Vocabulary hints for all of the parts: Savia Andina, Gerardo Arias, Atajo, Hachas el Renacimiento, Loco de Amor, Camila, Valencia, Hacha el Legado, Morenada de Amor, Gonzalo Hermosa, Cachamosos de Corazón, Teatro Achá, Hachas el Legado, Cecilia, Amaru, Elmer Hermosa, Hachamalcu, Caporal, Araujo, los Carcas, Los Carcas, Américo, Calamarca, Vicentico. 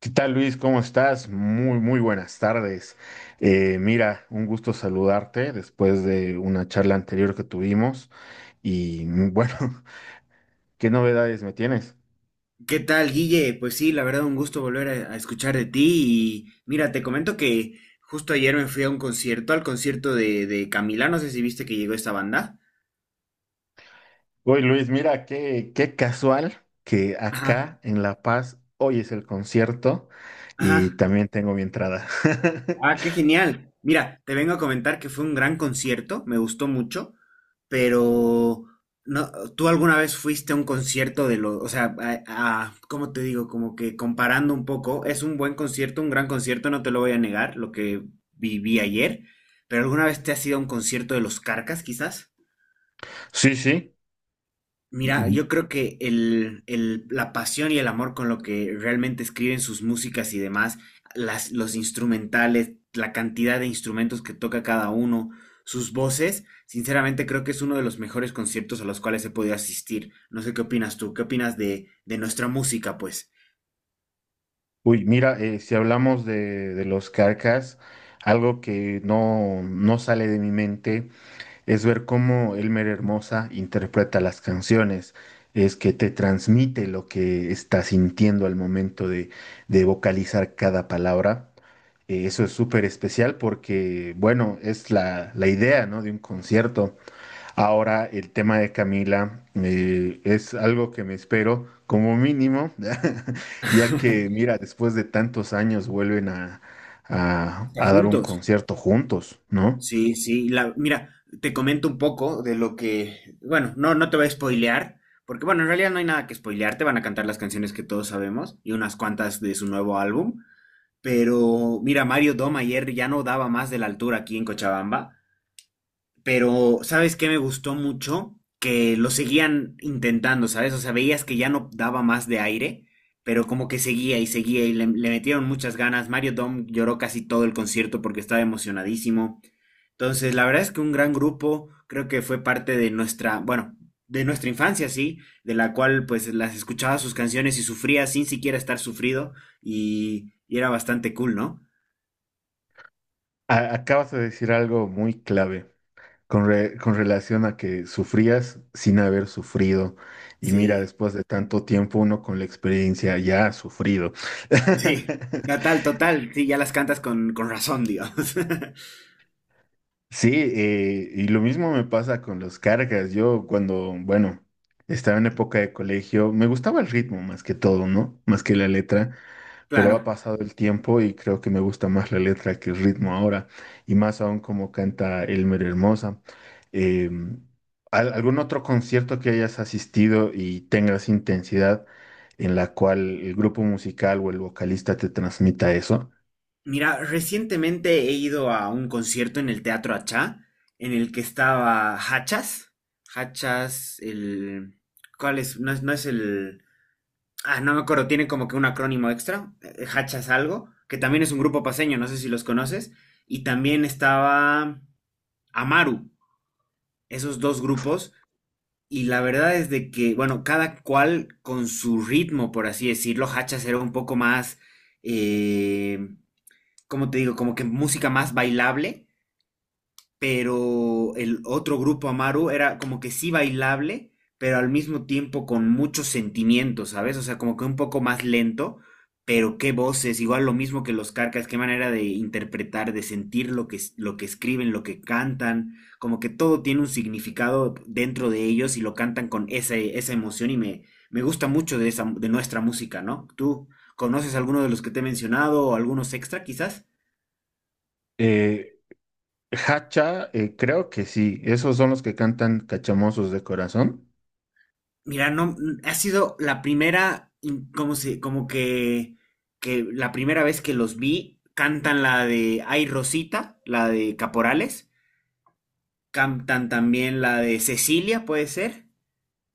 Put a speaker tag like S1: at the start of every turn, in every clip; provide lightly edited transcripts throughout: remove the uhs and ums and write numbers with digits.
S1: ¿Qué tal, Luis? ¿Cómo estás? Muy, muy buenas tardes. Mira, un gusto saludarte después de una charla anterior que tuvimos. Y bueno, ¿qué novedades me tienes?
S2: ¿Qué tal, Guille? Pues sí, la verdad, un gusto volver a escuchar de ti. Y mira, te comento que justo ayer me fui a un concierto, al concierto de Camila, no sé si viste que llegó esta banda.
S1: Uy, Luis, mira, qué casual que
S2: Ajá,
S1: acá en La Paz hoy es el concierto y
S2: ajá.
S1: también tengo mi entrada.
S2: Ah, qué genial. Mira, te vengo a comentar que fue un gran concierto, me gustó mucho, pero no, ¿tú alguna vez fuiste a un concierto de los, o sea, ¿cómo te digo? Como que comparando un poco, es un buen concierto, un gran concierto, no te lo voy a negar, lo que viví ayer, pero ¿alguna vez te has ido a un concierto de los Carcas, quizás?
S1: Sí, sí.
S2: Mira,
S1: Mm.
S2: yo creo que la pasión y el amor con lo que realmente escriben sus músicas y demás, los instrumentales, la cantidad de instrumentos que toca cada uno, sus voces, sinceramente creo que es uno de los mejores conciertos a los cuales he podido asistir. No sé qué opinas tú, qué opinas de nuestra música, pues.
S1: Uy, mira, si hablamos de los Carcas, algo que no, no sale de mi mente. Es ver cómo Elmer Hermosa interpreta las canciones, es que te transmite lo que está sintiendo al momento de vocalizar cada palabra. Eso es súper especial porque, bueno, es la idea, ¿no?, de un concierto. Ahora, el tema de Camila es algo que me espero como mínimo, ya que, mira, después de tantos años vuelven a, a
S2: Estar
S1: a dar un
S2: juntos.
S1: concierto juntos, ¿no?
S2: Sí, sí, mira, te comento un poco de lo que, bueno, no te voy a spoilear, porque bueno, en realidad no hay nada que spoilear, te van a cantar las canciones que todos sabemos y unas cuantas de su nuevo álbum, pero mira, Mario Dom ayer ya no daba más de la altura aquí en Cochabamba, pero ¿sabes qué me gustó mucho? Que lo seguían intentando, ¿sabes? O sea, veías que ya no daba más de aire, pero como que seguía y seguía y le metieron muchas ganas. Mario Dom lloró casi todo el concierto porque estaba emocionadísimo. Entonces, la verdad es que un gran grupo, creo que fue parte de nuestra, bueno, de nuestra infancia, sí, de la cual pues las escuchaba sus canciones y sufría sin siquiera estar sufrido y era bastante cool, ¿no?
S1: Acabas de decir algo muy clave con relación a que sufrías sin haber sufrido. Y mira,
S2: Sí,
S1: después de tanto tiempo, uno con la experiencia ya ha sufrido.
S2: sí, total, total, sí, ya las cantas con razón, digamos.
S1: Sí, y lo mismo me pasa con las cargas. Yo cuando, bueno, estaba en época de colegio, me gustaba el
S2: Ujú.
S1: ritmo más que todo, ¿no? Más que la letra. Pero ha
S2: Claro.
S1: pasado el tiempo y creo que me gusta más la letra que el ritmo ahora, y más aún como canta Elmer Hermosa. Eh, ¿Algún otro concierto que hayas asistido y tengas intensidad en la cual el grupo musical o el vocalista te transmita eso?
S2: Mira, recientemente he ido a un concierto en el Teatro Achá, en el que estaba Hachas. Hachas, el... ¿Cuál es? No es, no es el... Ah, no me acuerdo, tiene como que un acrónimo extra, Hachas algo, que también es un grupo paseño, no sé si los conoces, y también estaba Amaru, esos dos grupos, y la verdad es de que, bueno, cada cual con su ritmo, por así decirlo, Hachas era un poco más, eh, ¿cómo te digo? Como que música más bailable, pero el otro grupo Amaru era como que sí bailable, pero al mismo tiempo con mucho sentimiento, ¿sabes? O sea, como que un poco más lento, pero qué voces, igual lo mismo que los Carcas, qué manera de interpretar, de sentir lo que, lo que escriben, lo que cantan, como que todo tiene un significado dentro de ellos y lo cantan con esa, esa emoción y me gusta mucho de esa, de nuestra música, ¿no? ¿Tú conoces alguno de los que te he mencionado o algunos extra quizás?
S1: Eh, Hacha, creo que sí, esos son los que cantan Cachamosos de Corazón.
S2: Mira, no, ha sido la primera, como se, como que, la primera vez que los vi, cantan la de Ay Rosita, la de Caporales, cantan también la de Cecilia, puede ser,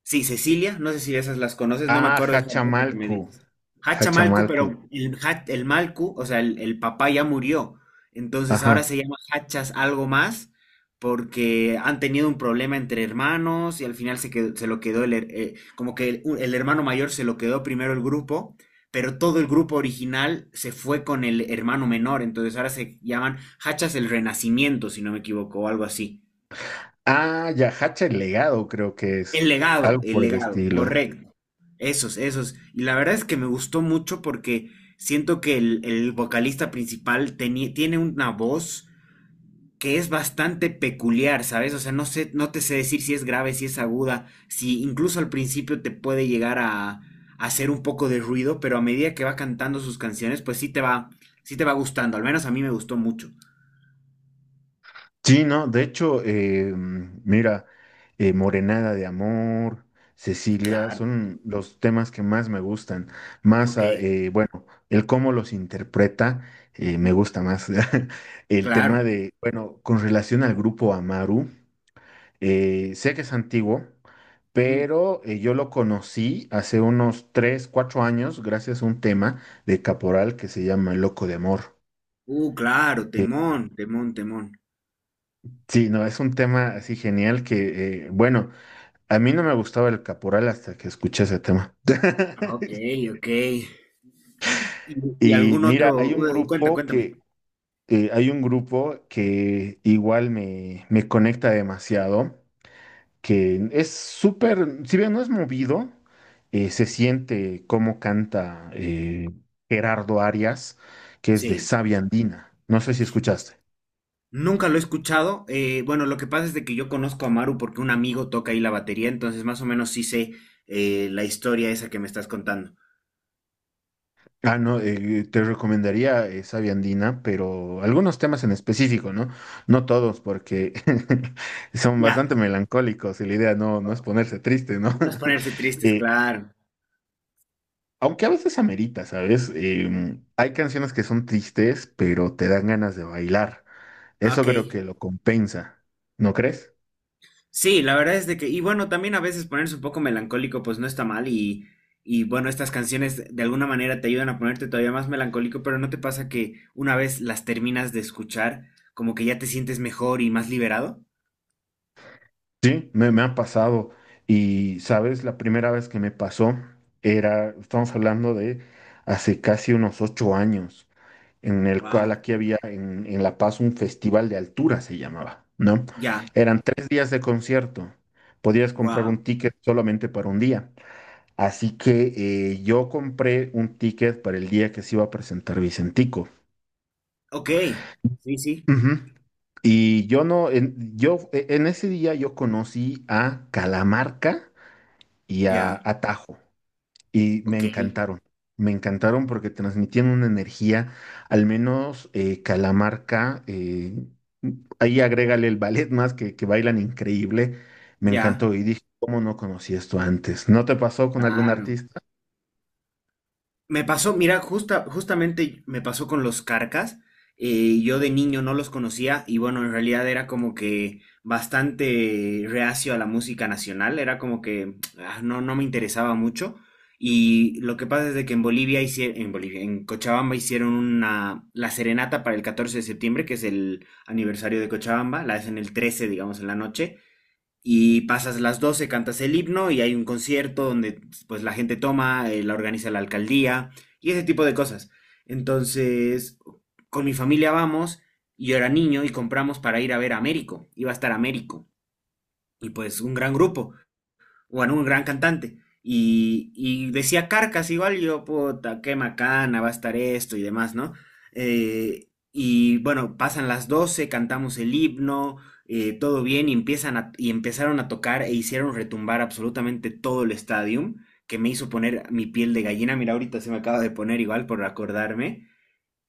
S2: sí, Cecilia, no sé si esas las conoces, no me
S1: Ah,
S2: acuerdo de esa que me
S1: Hachamalcu.
S2: dices. Hachamalcu,
S1: Hachamalcu,
S2: pero el Malcu, o sea, el papá ya murió. Entonces ahora
S1: ajá.
S2: se llama Hachas algo más porque han tenido un problema entre hermanos y al final se lo quedó como que el hermano mayor se lo quedó primero el grupo, pero todo el grupo original se fue con el hermano menor. Entonces ahora se llaman Hachas el Renacimiento, si no me equivoco, o algo así.
S1: Ah, ya, Hacha el Legado creo que es, algo
S2: El
S1: por el
S2: legado,
S1: estilo.
S2: correcto. Esos, esos. Y la verdad es que me gustó mucho porque siento que el vocalista principal tiene una voz que es bastante peculiar, ¿sabes? O sea, no sé, no te sé decir si es grave, si es aguda, si incluso al principio te puede llegar a hacer un poco de ruido, pero a medida que va cantando sus canciones, pues sí te va gustando. Al menos a mí me gustó mucho.
S1: Sí, no, de hecho, mira, Morenada de Amor, Cecilia,
S2: Claro,
S1: son los temas que más me gustan. Más,
S2: ok.
S1: ah, bueno, el cómo los interpreta, me
S2: Mm,
S1: gusta más. El
S2: claro.
S1: tema de, bueno, con relación al grupo Amaru, sé que es antiguo,
S2: Mm,
S1: pero yo lo conocí hace unos 3, 4 años gracias a un tema de Caporal que se llama Loco de Amor.
S2: Claro,
S1: Que
S2: temón, temón, temón.
S1: Sí, no, es un tema así genial que, bueno, a mí no me gustaba el Caporal hasta que escuché ese tema.
S2: Ok, ok. ¿Y, y
S1: Y
S2: algún
S1: mira, hay
S2: otro?
S1: un
S2: Cuenta,
S1: grupo
S2: cuéntame.
S1: que hay un grupo que igual me conecta demasiado, que es súper, si bien no es movido, se siente cómo canta Gerardo Arias, que es de
S2: Sí.
S1: Savia Andina. No sé si escuchaste.
S2: Nunca lo he escuchado. Bueno, lo que pasa es de que yo conozco a Maru porque un amigo toca ahí la batería, entonces más o menos sí sé la historia esa que me estás contando.
S1: Ah, no, te recomendaría esa viandina, pero algunos temas en específico, ¿no? No todos, porque son
S2: Ya,
S1: bastante melancólicos y la idea no, no es ponerse triste, ¿no?
S2: no es ponerse tristes,
S1: Eh,
S2: claro.
S1: Aunque a veces amerita, ¿sabes? Hay canciones que son tristes, pero te dan ganas de bailar. Eso
S2: Ok,
S1: creo que lo compensa, ¿no crees?
S2: sí, la verdad es de que, y bueno, también a veces ponerse un poco melancólico, pues no está mal, y bueno, estas canciones de alguna manera te ayudan a ponerte todavía más melancólico, pero ¿no te pasa que una vez las terminas de escuchar, como que ya te sientes mejor y más liberado?
S1: Sí, me ha pasado. Y, ¿sabes?, la primera vez que me pasó era, estamos hablando de hace casi unos 8 años, en el cual
S2: Wow,
S1: aquí había en La Paz un festival de altura, se llamaba, ¿no?
S2: ya,
S1: Eran 3 días de concierto. Podías comprar un
S2: wow.
S1: ticket solamente para un día. Así que yo compré un ticket para el día que se iba a presentar Vicentico.
S2: Ok, sí, sí,
S1: Ujú. Y yo no, en, yo, e, en ese día yo conocí a Calamarca y a
S2: ya,
S1: Atajo, y me
S2: ok,
S1: encantaron. Me encantaron porque transmitían una energía, al menos Calamarca, ahí agrégale el ballet, más que bailan increíble. Me
S2: ya,
S1: encantó y dije, ¿cómo no conocí esto antes? ¿No te pasó con algún
S2: claro.
S1: artista?
S2: Me pasó, mira, justamente me pasó con los Carcas. Yo de niño no los conocía y bueno, en realidad era como que bastante reacio a la música nacional, era como que ah, no me interesaba mucho. Y lo que pasa es de que en Bolivia hicieron, en Bolivia, en Cochabamba hicieron una, la serenata para el 14 de septiembre, que es el aniversario de Cochabamba, la hacen el 13 digamos, en la noche y pasas las 12, cantas el himno y hay un concierto donde pues la gente toma, la organiza la alcaldía y ese tipo de cosas. Entonces, con mi familia vamos, y yo era niño y compramos para ir a ver a Américo, iba a estar Américo y pues un gran grupo bueno, un gran cantante. Y decía Carcas igual, y yo, puta, qué macana, va a estar esto y demás, ¿no? Y bueno, pasan las 12 cantamos el himno, todo bien, y empezaron a tocar e hicieron retumbar absolutamente todo el estadio, que me hizo poner mi piel de gallina. Mira, ahorita se me acaba de poner igual por acordarme.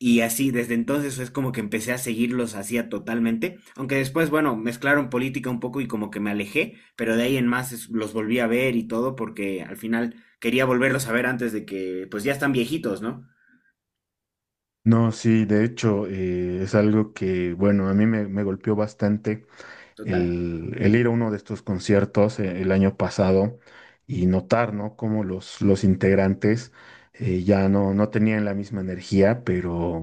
S2: Y así, desde entonces es como que empecé a seguirlos hacía totalmente, aunque después, bueno, mezclaron política un poco y como que me alejé, pero de ahí en más los volví a ver y todo porque al final quería volverlos a ver antes de que, pues ya están viejitos, ¿no?
S1: No, sí, de hecho, es algo que, bueno, a mí me golpeó bastante
S2: Total.
S1: el ir a uno de estos conciertos el año pasado y notar, ¿no?, cómo los integrantes ya no, no tenían la misma energía, pero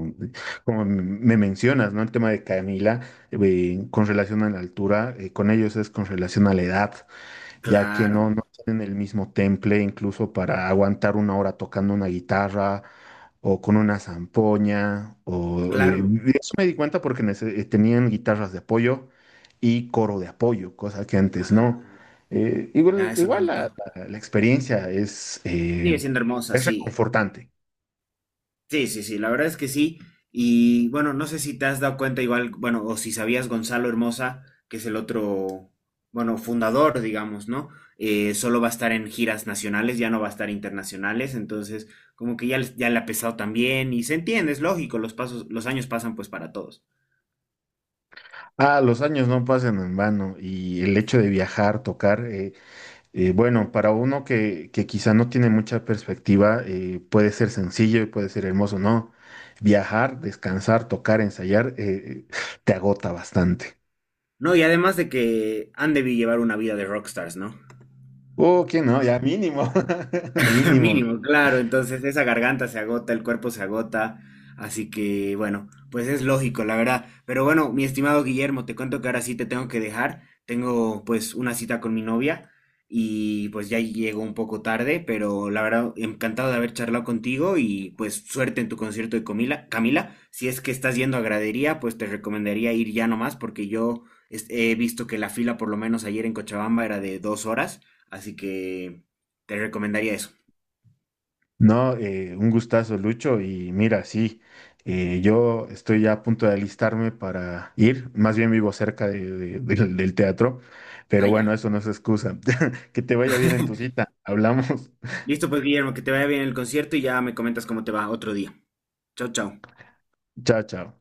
S1: como me mencionas, ¿no?, el tema de Camila, con relación a la altura, con ellos es con relación a la edad, ya que no,
S2: Claro,
S1: no tienen el mismo temple incluso para aguantar una hora tocando una guitarra o con una zampoña.
S2: claro.
S1: Eso me di cuenta porque tenían guitarras de apoyo y coro de apoyo, cosa que antes
S2: Ah,
S1: no.
S2: ya
S1: Igual
S2: eso lo he
S1: la,
S2: notado.
S1: la- la experiencia es, eh,
S2: Sigue siendo hermosa,
S1: es
S2: sí.
S1: reconfortante.
S2: Sí, sí, sí, la verdad es que sí. Y bueno, no sé si te has dado cuenta igual, bueno, o si sabías Gonzalo Hermosa, que es el otro, bueno, fundador, digamos, ¿no? Solo va a estar en giras nacionales, ya no va a estar internacionales, entonces como que ya, ya le ha pesado también y se entiende, es lógico, los pasos, los años pasan pues para todos.
S1: Ah, los años no pasan en vano y el hecho de viajar, tocar. Bueno, para uno que quizá no tiene mucha perspectiva, puede ser sencillo y puede ser hermoso, ¿no? Viajar, descansar, tocar, ensayar, te agota bastante.
S2: No, y además de que han de llevar una vida de rockstars, ¿no?
S1: Oh, ¿quién no? Ya mínimo, mínimo.
S2: Mínimo, claro. Entonces esa garganta se agota, el cuerpo se agota. Así que bueno, pues es lógico, la verdad. Pero bueno, mi estimado Guillermo, te cuento que ahora sí te tengo que dejar. Tengo pues una cita con mi novia y pues ya llego un poco tarde, pero la verdad, encantado de haber charlado contigo y pues suerte en tu concierto de Camila. Si es que estás yendo a gradería, pues te recomendaría ir ya nomás porque yo he visto que la fila por lo menos ayer en Cochabamba era de 2 horas, así que te recomendaría eso.
S1: No, un gustazo, Lucho. Y mira, sí, yo estoy ya a punto de alistarme para ir. Más bien vivo cerca del teatro,
S2: Ah,
S1: pero bueno,
S2: ya.
S1: eso no es excusa. Que te vaya bien en tu cita. Hablamos.
S2: Listo, pues Guillermo, que te vaya bien el concierto y ya me comentas cómo te va otro día. Chao, chao.
S1: Chao, chao.